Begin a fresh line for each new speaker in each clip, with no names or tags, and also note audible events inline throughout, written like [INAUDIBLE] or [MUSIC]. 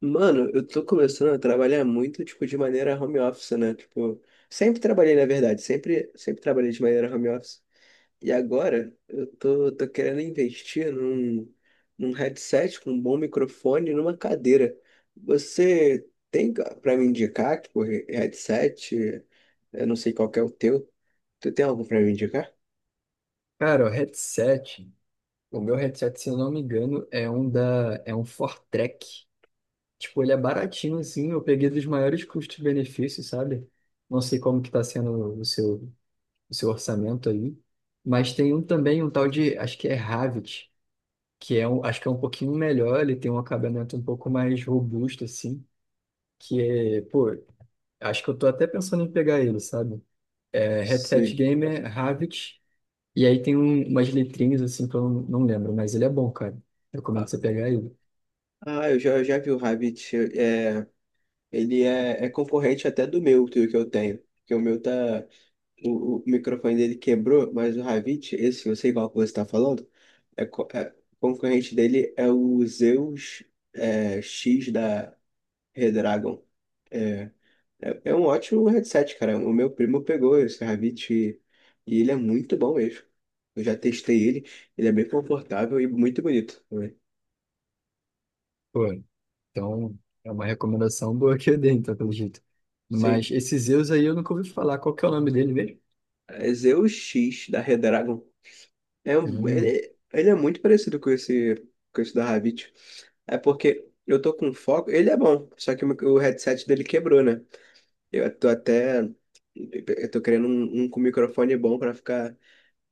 Mano, eu tô começando a trabalhar muito, tipo, de maneira home office, né? Tipo, sempre trabalhei, na verdade, sempre, sempre trabalhei de maneira home office. E agora eu tô querendo investir num headset com um bom microfone e numa cadeira. Você tem pra me indicar, tipo, headset? Eu não sei qual que é o teu. Tu tem algo pra me indicar?
Cara, o headset, o meu headset, se eu não me engano, é um Fortrek. Tipo, ele é baratinho assim, eu peguei dos maiores custos-benefícios, sabe? Não sei como que tá sendo o seu orçamento aí, mas tem um também, um tal de, acho que é Havit, que é um, acho que é um pouquinho melhor, ele tem um acabamento um pouco mais robusto assim, que é, pô, acho que eu tô até pensando em pegar ele, sabe? É, headset
Sim.
gamer Havit. E aí tem umas letrinhas assim que eu não lembro, mas ele é bom, cara.
Ah,
Recomendo você pegar ele.
ah, eu já vi o Rabbit. Ele é concorrente até do meu, do que eu tenho. Porque o meu tá. O microfone dele quebrou, mas o Ravit, esse eu sei qual que você está falando, o concorrente dele é o Zeus, X da Redragon. É, é um ótimo headset, cara. O meu primo pegou esse Ravit e ele é muito bom mesmo. Eu já testei ele, ele é bem confortável e muito bonito também.
Pô, então é uma recomendação boa que eu dei, então, pelo jeito.
Sim,
Mas esse Zeus aí eu nunca ouvi falar. Qual que é o nome dele mesmo?
é Zeus X da Redragon.
Hum,
Ele é muito parecido com esse da Havit. É porque eu tô com foco. Ele é bom, só que o headset dele quebrou, né? Eu tô até. Eu tô querendo um com microfone bom pra ficar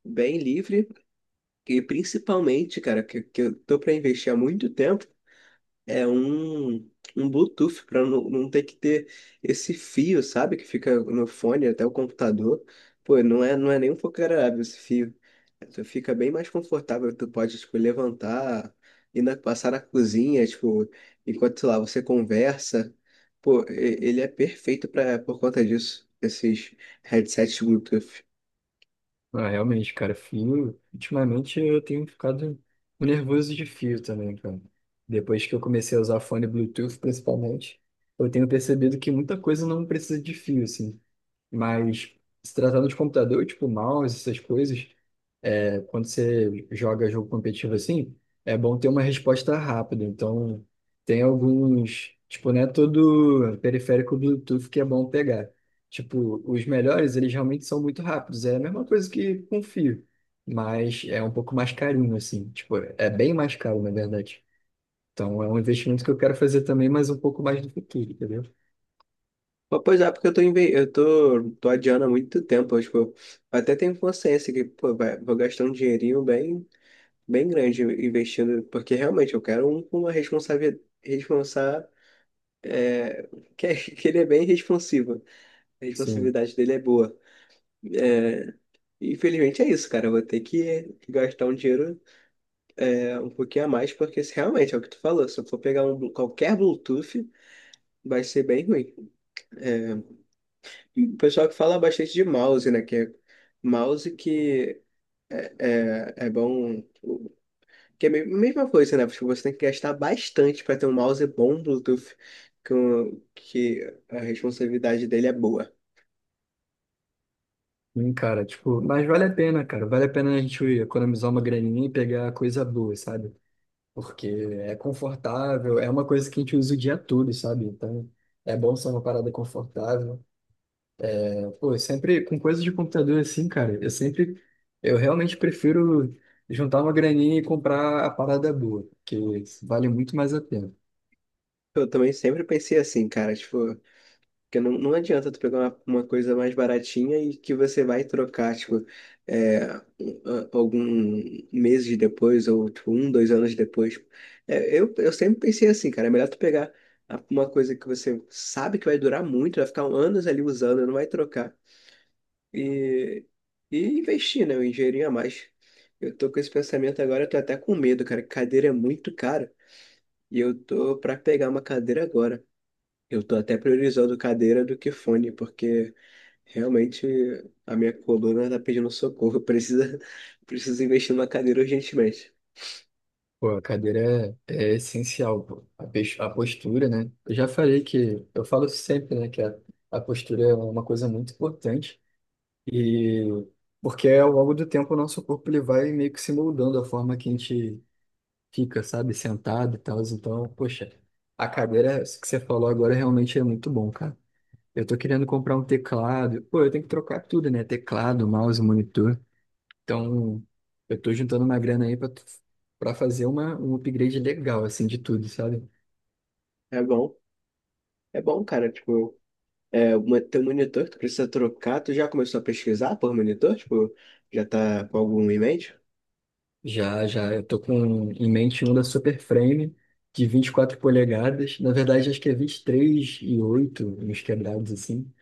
bem livre. E principalmente, cara, que eu tô pra investir há muito tempo. É um Bluetooth para não ter que ter esse fio, sabe? Que fica no fone até o computador. Pô, não é nem um pouco agradável esse fio. Tu fica bem mais confortável, tu pode, tipo, levantar, passar na cozinha, tipo, enquanto, sei lá, você conversa. Pô, ele é perfeito pra, por conta disso, esses headsets Bluetooth.
ah, realmente, cara, fio. Ultimamente eu tenho ficado nervoso de fio também, cara. Depois que eu comecei a usar fone Bluetooth, principalmente, eu tenho percebido que muita coisa não precisa de fio, assim. Mas se tratando de computador, tipo mouse, essas coisas. Quando você joga jogo competitivo assim, é bom ter uma resposta rápida. Então, tem alguns, tipo, não é todo periférico Bluetooth que é bom pegar. Tipo, os melhores, eles realmente são muito rápidos. É a mesma coisa que com fio, mas é um pouco mais carinho, assim. Tipo, é bem mais caro, na verdade. Então, é um investimento que eu quero fazer também, mas um pouco mais no futuro, entendeu?
Pô, pois é, porque eu tô adiando há muito tempo, eu, tipo, até tenho consciência que, pô, vai, vou gastar um dinheirinho bem bem grande investindo, porque realmente eu quero um com uma responsabilidade, responsa, é, que, é- [LAUGHS] que ele é bem responsivo. A
Sim.
responsividade dele é boa. É, infelizmente é isso, cara. Eu vou ter que gastar um dinheiro um pouquinho a mais, porque se realmente é o que tu falou. Se eu for pegar qualquer Bluetooth, vai ser bem ruim. É, e o pessoal que fala bastante de mouse, né? Que é mouse que é bom. Que é mesma coisa, né? Tipo, você tem que gastar bastante para ter um mouse bom Bluetooth, que a responsabilidade dele é boa.
Sim, cara, tipo, mas vale a pena, cara. Vale a pena a gente economizar uma graninha e pegar coisa boa, sabe? Porque é confortável, é uma coisa que a gente usa o dia todo, sabe? Então, é bom ser uma parada confortável. Pô, eu sempre com coisa de computador assim, cara, eu realmente prefiro juntar uma graninha e comprar a parada boa, porque vale muito mais a pena.
Eu também sempre pensei assim, cara, tipo, que não, não adianta tu pegar uma coisa mais baratinha e que você vai trocar, tipo, é, a- algum meses depois, ou tipo, um, 2 anos depois. É, eu sempre pensei assim, cara, é melhor tu pegar uma coisa que você sabe que vai durar muito, vai ficar anos ali usando, não vai trocar e, e investir, né? Eu ingerir a mais. Eu tô com esse pensamento agora, eu tô até com medo, cara. Que cadeira é muito cara e eu tô pra pegar uma cadeira agora. Eu tô até priorizando cadeira do que fone, porque realmente a minha coluna tá pedindo socorro. Eu [LAUGHS] preciso investir numa cadeira urgentemente.
Pô, a cadeira é, é essencial, pô. A postura, né? Eu já falei que, eu falo sempre, né, que a postura é uma coisa muito importante. E porque ao longo do tempo o nosso corpo ele vai meio que se moldando a forma que a gente fica, sabe, sentado e tal. Então, poxa, a cadeira, isso que você falou agora realmente é muito bom, cara. Eu tô querendo comprar um teclado. Pô, eu tenho que trocar tudo, né? Teclado, mouse, monitor. Então, eu tô juntando uma grana aí pra, pra fazer um upgrade legal, assim, de tudo, sabe?
É bom, é bom, cara. Tipo, teu monitor, que tu precisa trocar. Tu já começou a pesquisar por monitor? Tipo, já tá com algum em mente?
Já, já, eu tô com em mente um da Super Frame de 24 polegadas. Na verdade, acho que é 23 e 8, uns quebrados assim.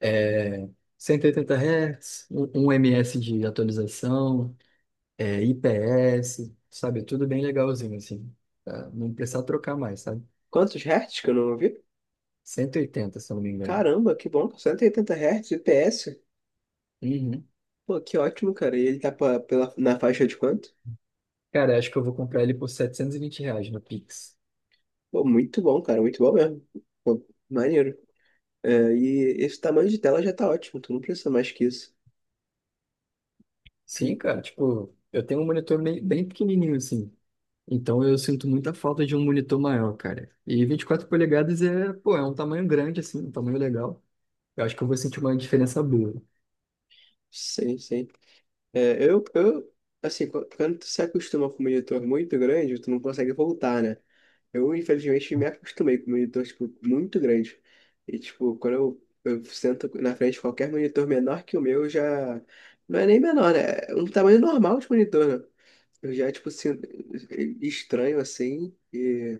É 180 Hz, um ms de atualização, é IPS, sabe? Tudo bem legalzinho assim. Pra não precisar trocar mais, sabe?
Quantos hertz que eu não ouvi?
180, se eu não me engano.
Caramba, que bom, 180 Hz, IPS.
Uhum.
Pô, que ótimo, cara. E ele tá na faixa de quanto?
Cara, acho que eu vou comprar ele por R$ 720 no Pix.
Pô, muito bom, cara, muito bom mesmo. Pô, maneiro. É, e esse tamanho de tela já tá ótimo, tu não precisa mais que isso.
Sim, cara, tipo, eu tenho um monitor bem pequenininho assim. Então eu sinto muita falta de um monitor maior, cara. E 24 polegadas é, pô, é um tamanho grande, assim, um tamanho legal. Eu acho que eu vou sentir uma diferença boa.
Sim, sim. É, eu, assim, quando tu se acostuma com um monitor muito grande, tu não consegue voltar, né? Eu, infelizmente, me acostumei com monitor, tipo, muito grande. E, tipo, quando eu sento na frente de qualquer monitor menor que o meu, eu já. Não é nem menor, né? É um tamanho normal de monitor, né? Eu já, tipo, sinto estranho, assim, e,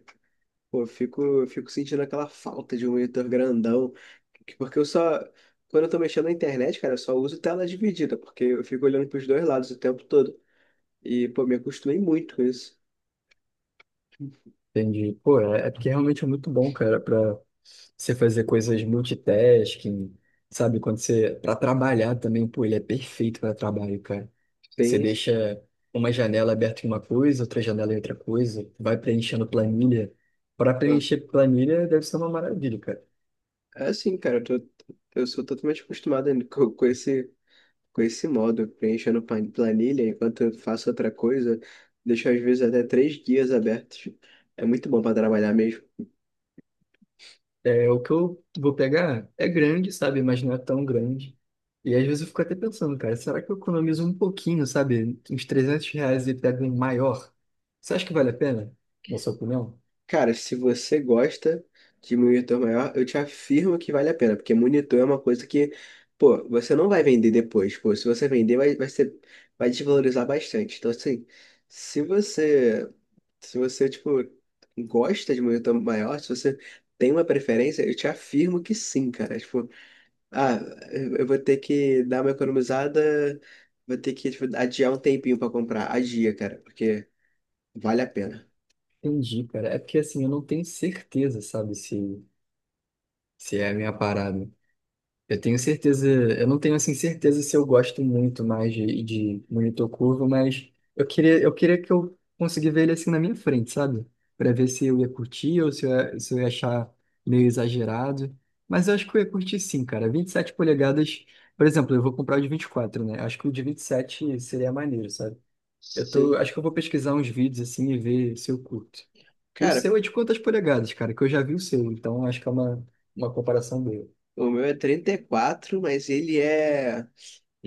pô, eu fico sentindo aquela falta de um monitor grandão, que, porque eu só. Quando eu tô mexendo na internet, cara, eu só uso tela dividida, porque eu fico olhando pros dois lados o tempo todo. E, pô, me acostumei muito com isso.
Entendi. Pô, é, é porque realmente é muito bom, cara, pra você fazer coisas multitasking, sabe? Quando você. Pra trabalhar também, pô, ele é perfeito pra trabalho, cara. Você
Tem.
deixa uma janela aberta em uma coisa, outra janela em outra coisa, vai preenchendo planilha. Pra preencher planilha deve ser uma maravilha, cara.
É assim, cara, eu sou totalmente acostumado ainda com esse modo, preenchendo planilha enquanto eu faço outra coisa, deixo às vezes até três guias abertos. É muito bom para trabalhar mesmo.
É, o que eu vou pegar é grande, sabe? Mas não é tão grande. E às vezes eu fico até pensando, cara, será que eu economizo um pouquinho, sabe? Uns R$ 300 e pego um maior? Você acha que vale a pena, na sua opinião?
Cara, se você gosta de monitor maior, eu te afirmo que vale a pena, porque monitor é uma coisa que, pô, você não vai vender depois, pô, se você vender vai ser, vai desvalorizar bastante. Então, assim, se você tipo, gosta de monitor maior, se você tem uma preferência, eu te afirmo que sim, cara. Tipo, ah, eu vou ter que dar uma economizada, vou ter que, tipo, adiar um tempinho pra comprar. Adia, cara, porque vale a pena.
Entendi, cara. É porque assim, eu não tenho certeza, sabe? Se é a minha parada. Eu tenho certeza, eu não tenho assim certeza se eu gosto muito mais de monitor curvo, mas eu queria que eu conseguisse ver ele assim na minha frente, sabe? Pra ver se eu ia curtir ou se eu ia achar meio exagerado. Mas eu acho que eu ia curtir sim, cara. 27 polegadas, por exemplo, eu vou comprar o de 24, né? Acho que o de 27 seria maneiro, sabe? Eu tô,
Sim.
acho que eu vou pesquisar uns vídeos assim e ver se eu curto. O
Cara,
seu é de quantas polegadas, cara? Que eu já vi o seu, então acho que é uma comparação boa.
o meu é 34, mas ele é.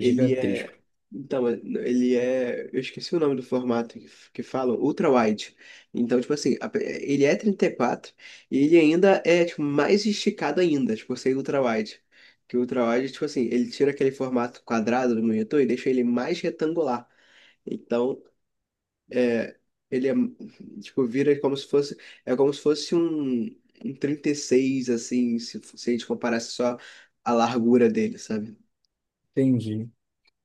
Ele é. Então, ele é. Eu esqueci o nome do formato que falam, ultra-wide. Então, tipo assim, ele é 34 e ele ainda é tipo, mais esticado ainda, tipo, ser ultra-wide. Que o ultra-wide, tipo assim, ele tira aquele formato quadrado do monitor e deixa ele mais retangular. Então, é, ele é. Tipo, vira como se fosse. É como se fosse um, um 36 assim, se a gente comparasse só a largura dele, sabe?
Entendi.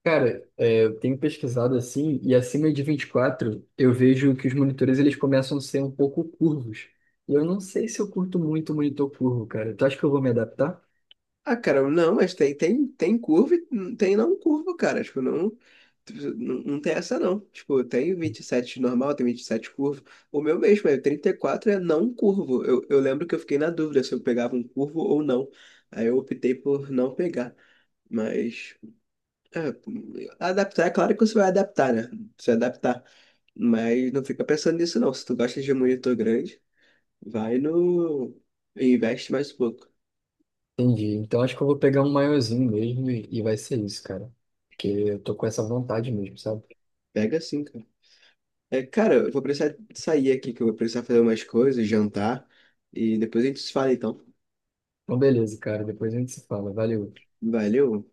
Cara, é, eu tenho pesquisado assim, e acima de 24 eu vejo que os monitores eles começam a ser um pouco curvos. E eu não sei se eu curto muito o monitor curvo, cara. Tu acha que eu vou me adaptar?
Ah, cara, não, mas tem, tem, curva e não tem não curva, cara. Tipo, não, não, não tem essa não. Tipo, tem 27 normal, tem 27 curvo. O meu mesmo é 34 é não curvo. Eu lembro que eu fiquei na dúvida se eu pegava um curvo ou não. Aí eu optei por não pegar. Mas, é, adaptar, é claro que você vai adaptar, né? Você adaptar. Mas não fica pensando nisso não. Se tu gosta de monitor grande, vai no. Investe mais um pouco.
Entendi. Então acho que eu vou pegar um maiorzinho mesmo e vai ser isso, cara. Porque eu tô com essa vontade mesmo, sabe?
Pega sim, cara. É, cara, eu vou precisar sair aqui, que eu vou precisar fazer umas coisas, jantar, e depois a gente se fala, então.
Então beleza, cara. Depois a gente se fala. Valeu.
Valeu.